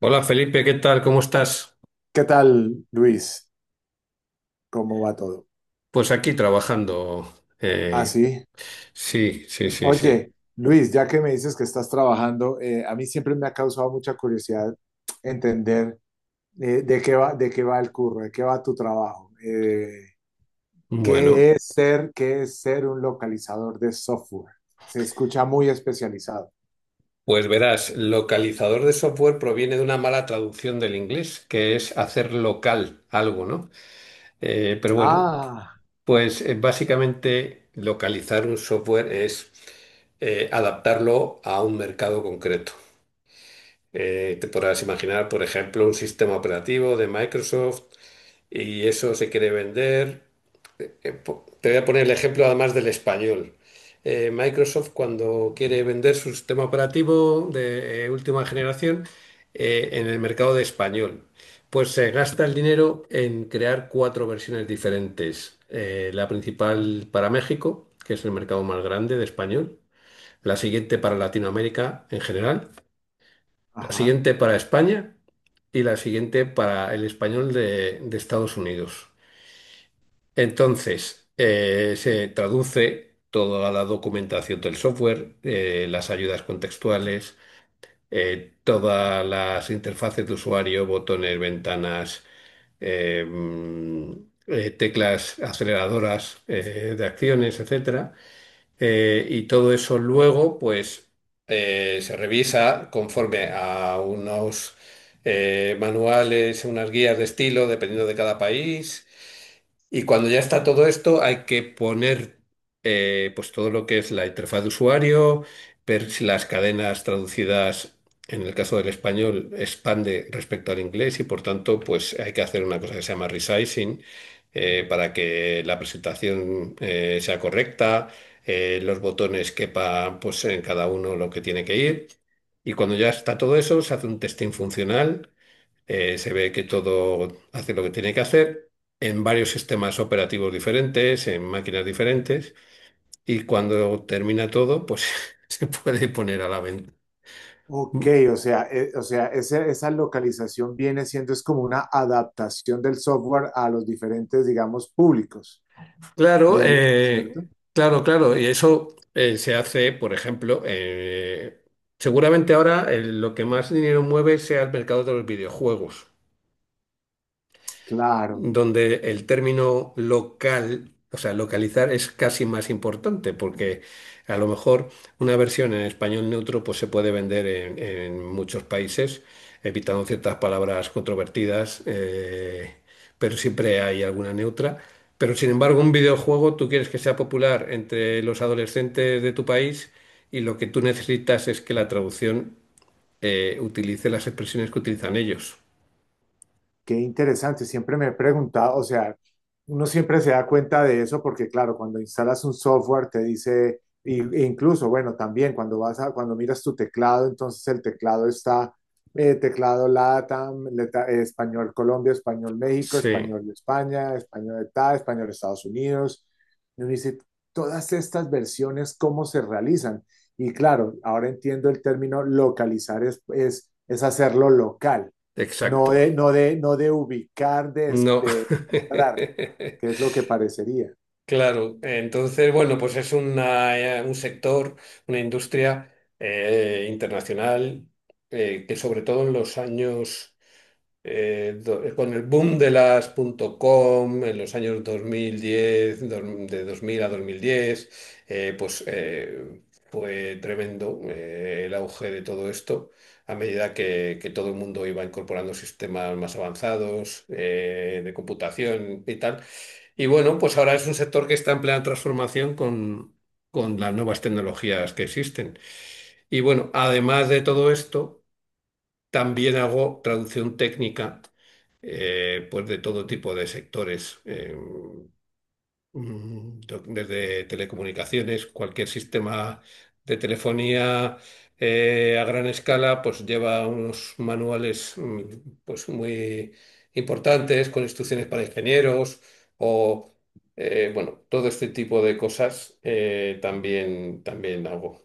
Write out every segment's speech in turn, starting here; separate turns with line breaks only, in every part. Hola Felipe, ¿qué tal? ¿Cómo estás?
¿Qué tal, Luis? ¿Cómo va todo?
Pues aquí trabajando.
Ah,
Eh,
sí.
sí, sí, sí, sí.
Oye, Luis, ya que me dices que estás trabajando, a mí siempre me ha causado mucha curiosidad entender de qué va el curro, de qué va tu trabajo,
Bueno,
qué es ser un localizador de software. Se escucha muy especializado.
pues verás, localizador de software proviene de una mala traducción del inglés, que es hacer local algo, ¿no? Pero bueno,
Ah,
pues básicamente localizar un software es adaptarlo a un mercado concreto. Te podrás imaginar, por ejemplo, un sistema operativo de Microsoft y eso se quiere vender. Te voy a poner el ejemplo además del español. Microsoft, cuando quiere vender su sistema operativo de última generación en el mercado de español, pues se gasta el dinero en crear cuatro versiones diferentes. La principal para México, que es el mercado más grande de español, la siguiente para Latinoamérica en general, la
ajá.
siguiente para España y la siguiente para el español de Estados Unidos. Entonces, se traduce toda la documentación del software, las ayudas contextuales, todas las interfaces de usuario, botones, ventanas, eh, mm, teclas aceleradoras de acciones, etcétera. Y todo eso luego, pues, se revisa conforme a unos manuales, unas guías de estilo, dependiendo de cada país. Y cuando ya está todo esto, hay que poner pues todo lo que es la interfaz de usuario, ver si las cadenas traducidas, en el caso del español, expande respecto al inglés, y por tanto, pues hay que hacer una cosa que se llama resizing, para que la presentación sea correcta, los botones quepan pues en cada uno lo que tiene que ir. Y cuando ya está todo eso, se hace un testing funcional, se ve que todo hace lo que tiene que hacer en varios sistemas operativos diferentes, en máquinas diferentes, y cuando termina todo, pues se puede poner a la venta.
Ok, o sea, esa localización viene siendo es como una adaptación del software a los diferentes, digamos, públicos.
Claro,
Debe, ¿cierto?
claro, claro, y eso se hace, por ejemplo, seguramente ahora lo que más dinero mueve sea el mercado de los videojuegos,
Claro.
donde el término local, o sea, localizar, es casi más importante, porque a lo mejor una versión en español neutro pues se puede vender en muchos países, evitando ciertas palabras controvertidas, pero siempre hay alguna neutra. Pero sin embargo, un videojuego tú quieres que sea popular entre los adolescentes de tu país y lo que tú necesitas es que la traducción utilice las expresiones que utilizan ellos.
Qué interesante, siempre me he preguntado, o sea, uno siempre se da cuenta de eso porque claro, cuando instalas un software te dice, e incluso, bueno, también cuando vas a, cuando miras tu teclado, entonces el teclado está, teclado LATAM, español Colombia, español México,
Sí,
español España, español de tal español Estados Unidos. Y uno dice, todas estas versiones, ¿cómo se realizan? Y claro, ahora entiendo el término localizar es, hacerlo local
exacto.
no de ubicar,
No.
de comprar que es lo que parecería.
Claro, entonces, bueno, pues es un sector, una industria internacional, que sobre todo en los años, con el boom de las punto .com, en los años 2010, de 2000 a 2010, eh, pues eh, fue tremendo el auge de todo esto a medida que todo el mundo iba incorporando sistemas más avanzados de computación y tal. Y bueno, pues ahora es un sector que está en plena transformación con las nuevas tecnologías que existen. Y bueno, además de todo esto, también hago traducción técnica, pues de todo tipo de sectores. Desde telecomunicaciones, cualquier sistema de telefonía a gran escala, pues lleva unos manuales, pues muy importantes, con instrucciones para ingenieros o bueno, todo este tipo de cosas también hago.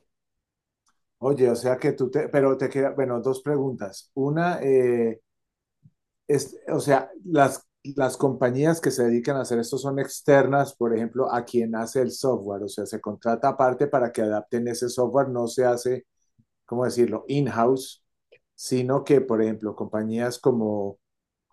Oye, o sea que tú te, pero te queda, bueno, dos preguntas. Una, es, o sea, las compañías que se dedican a hacer esto son externas, por ejemplo, a quien hace el software, o sea, se contrata aparte para que adapten ese software, no se hace ¿cómo decirlo?, in-house, sino que, por ejemplo, compañías como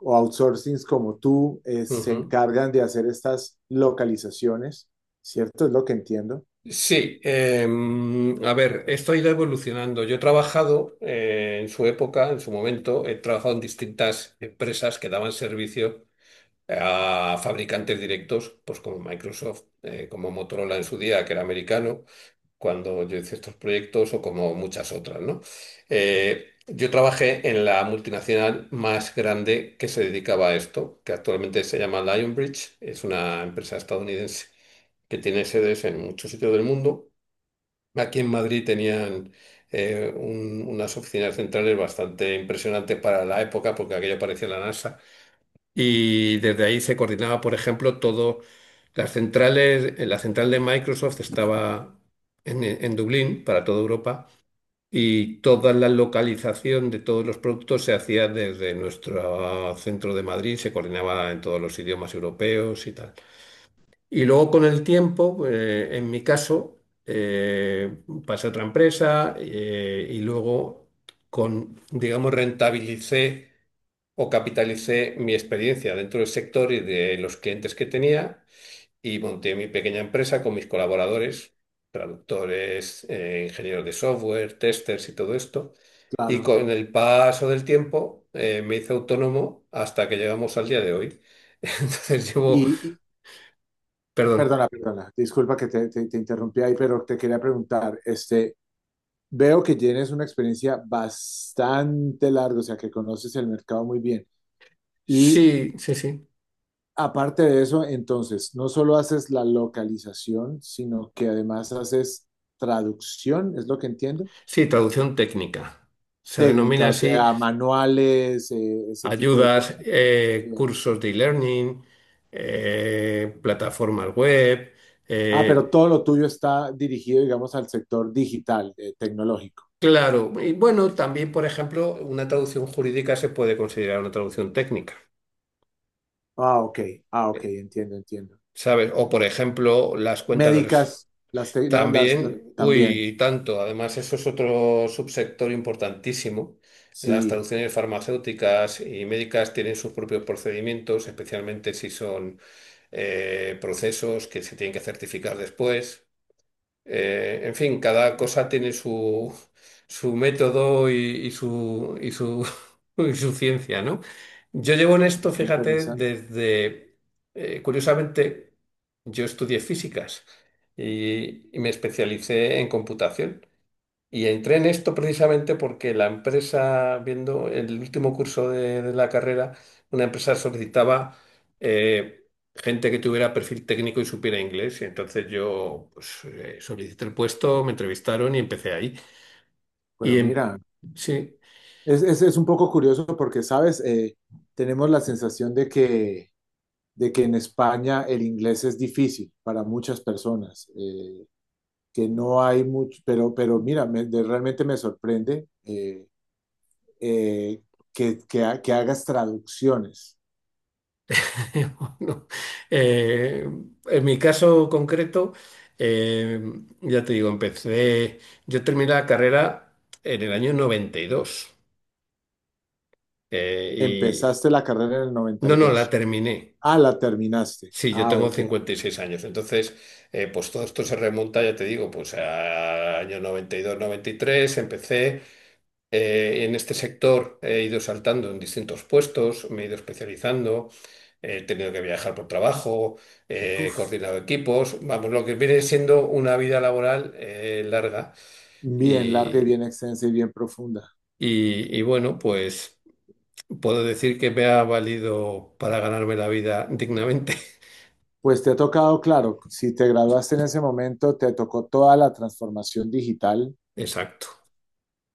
o outsourcings como tú se
Ujú.
encargan de hacer estas localizaciones, ¿cierto? Es lo que entiendo.
Sí, a ver, esto ha ido evolucionando. Yo he trabajado en su época, en su momento, he trabajado en distintas empresas que daban servicio a fabricantes directos, pues como Microsoft, como Motorola en su día, que era americano, cuando yo hice estos proyectos, o como muchas otras, ¿no? Yo trabajé en la multinacional más grande que se dedicaba a esto, que actualmente se llama Lionbridge. Es una empresa estadounidense que tiene sedes en muchos sitios del mundo. Aquí en Madrid tenían unas oficinas centrales bastante impresionantes para la época, porque aquello parecía la NASA. Y desde ahí se coordinaba, por ejemplo, todo. Las centrales, la central de Microsoft estaba en Dublín para toda Europa, y toda la localización de todos los productos se hacía desde nuestro centro de Madrid, se coordinaba en todos los idiomas europeos y tal. Y luego con el tiempo, en mi caso, eh, pasé a otra empresa y luego, con, digamos, rentabilicé o capitalicé mi experiencia dentro del sector y de los clientes que tenía, y monté mi pequeña empresa con mis colaboradores, traductores, ingenieros de software, testers y todo esto. Y
Claro.
con el paso del tiempo me hice autónomo hasta que llegamos al día de hoy. Entonces llevo,
Y, y-
perdón,
disculpa que te interrumpí ahí, pero te quería preguntar, este, veo que tienes una experiencia bastante larga, o sea, que conoces el mercado muy bien. Y
sí, sí, sí,
aparte de eso, entonces, no solo haces la localización, sino que además haces traducción, es lo que entiendo,
sí, traducción técnica. Se
técnica,
denomina
o
así,
sea, manuales, ese tipo de
ayudas,
cosas. Ayuda.
cursos de e-learning, plataformas web.
Ah, pero
eh,
todo lo tuyo está dirigido, digamos, al sector digital, tecnológico.
claro, y bueno, también, por ejemplo, una traducción jurídica se puede considerar una traducción técnica,
Ah, ok, ah, ok,
eh,
entiendo, entiendo.
¿sabes? O, por ejemplo, las cuentas de...
Médicas, las, te- la- las-
También,
también,
uy, y tanto. Además, eso es otro subsector importantísimo. Las
sí,
traducciones farmacéuticas y médicas tienen sus propios procedimientos, especialmente si son procesos que se tienen que certificar después. En fin, cada cosa tiene su método y su, y su, y su ciencia, ¿no? Yo llevo en esto,
oh, qué
fíjate,
interesante.
desde, curiosamente, yo estudié físicas y me especialicé en computación. Y entré en esto precisamente porque la empresa, viendo el último curso de la carrera, una empresa solicitaba eh, gente que tuviera perfil técnico y supiera inglés. Y entonces yo pues, solicité el puesto, me entrevistaron y empecé ahí. Y
Pero
en,
mira,
sí,
es un poco curioso porque, ¿sabes? Tenemos la sensación de que en España el inglés es difícil para muchas personas, que no hay mucho, pero mira, me, de, realmente me sorprende eh, que hagas traducciones.
bueno, eh, en mi caso concreto, eh, ya te digo, empecé, yo terminé la carrera en el año 92. eh, y,
Empezaste la carrera en el noventa
no,
y
no, la
dos,
terminé.
Ah, la terminaste.
Sí, yo
Ah,
tengo
ok.
56 años. Entonces, pues todo esto se remonta, ya te digo, pues a año 90, 92, y tres. Empecé en este sector, he ido saltando en distintos puestos, me he ido especializando, he tenido que viajar por trabajo, he
Uf,
coordinado equipos, vamos, lo que viene siendo una vida laboral larga.
bien larga y
Y,
bien extensa y bien profunda.
y bueno, pues puedo decir que me ha valido para ganarme la vida dignamente.
Pues te ha tocado, claro, si te graduaste en ese momento, te tocó toda la transformación digital
Exacto,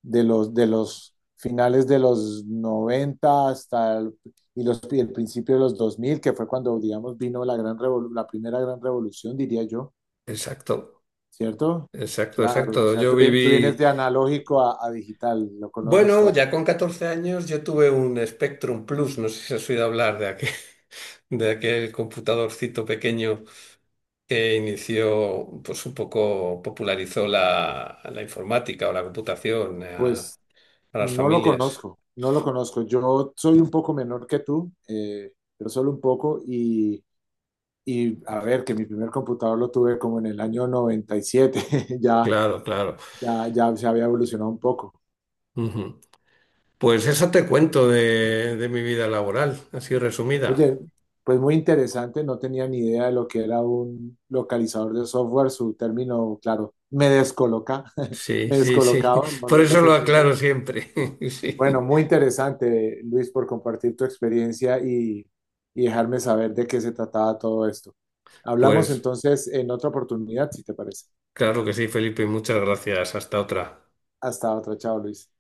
de los finales de los 90 hasta el, y el principio de los 2000 que fue cuando, digamos, vino la, gran revolu- la primera gran revolución, diría yo,
exacto.
¿cierto?
Exacto,
Claro, o
exacto.
sea,
Yo
tú, tú vienes
viví,
de analógico a, digital, lo conoces
bueno,
todo.
ya con 14 años yo tuve un Spectrum Plus, no sé si has oído hablar de aquel, de aquel computadorcito pequeño que inició, pues un poco popularizó la informática o la computación
Pues
a las
no lo
familias.
conozco, no lo conozco. Yo soy un poco menor que tú, pero solo un poco, y, a ver, que mi primer computador lo tuve como en el año 97 ya,
Claro, claro.
ya, ya se había evolucionado un poco.
Ujú. Pues eso te cuento de mi vida laboral, así resumida.
Oye, pues muy interesante, no tenía ni idea de lo que era un localizador de software, su término, claro, me descoloca,
Sí,
me
sí, sí.
descolocaba, no,
Por
no
eso
se
lo
entendía.
aclaro siempre. Sí.
Bueno, muy interesante, Luis, por compartir tu experiencia y, dejarme saber de qué se trataba todo esto. Hablamos
Pues.
entonces en otra oportunidad, si te parece.
Claro que sí, Felipe, muchas gracias. Hasta otra.
Hasta otra, chao, Luis.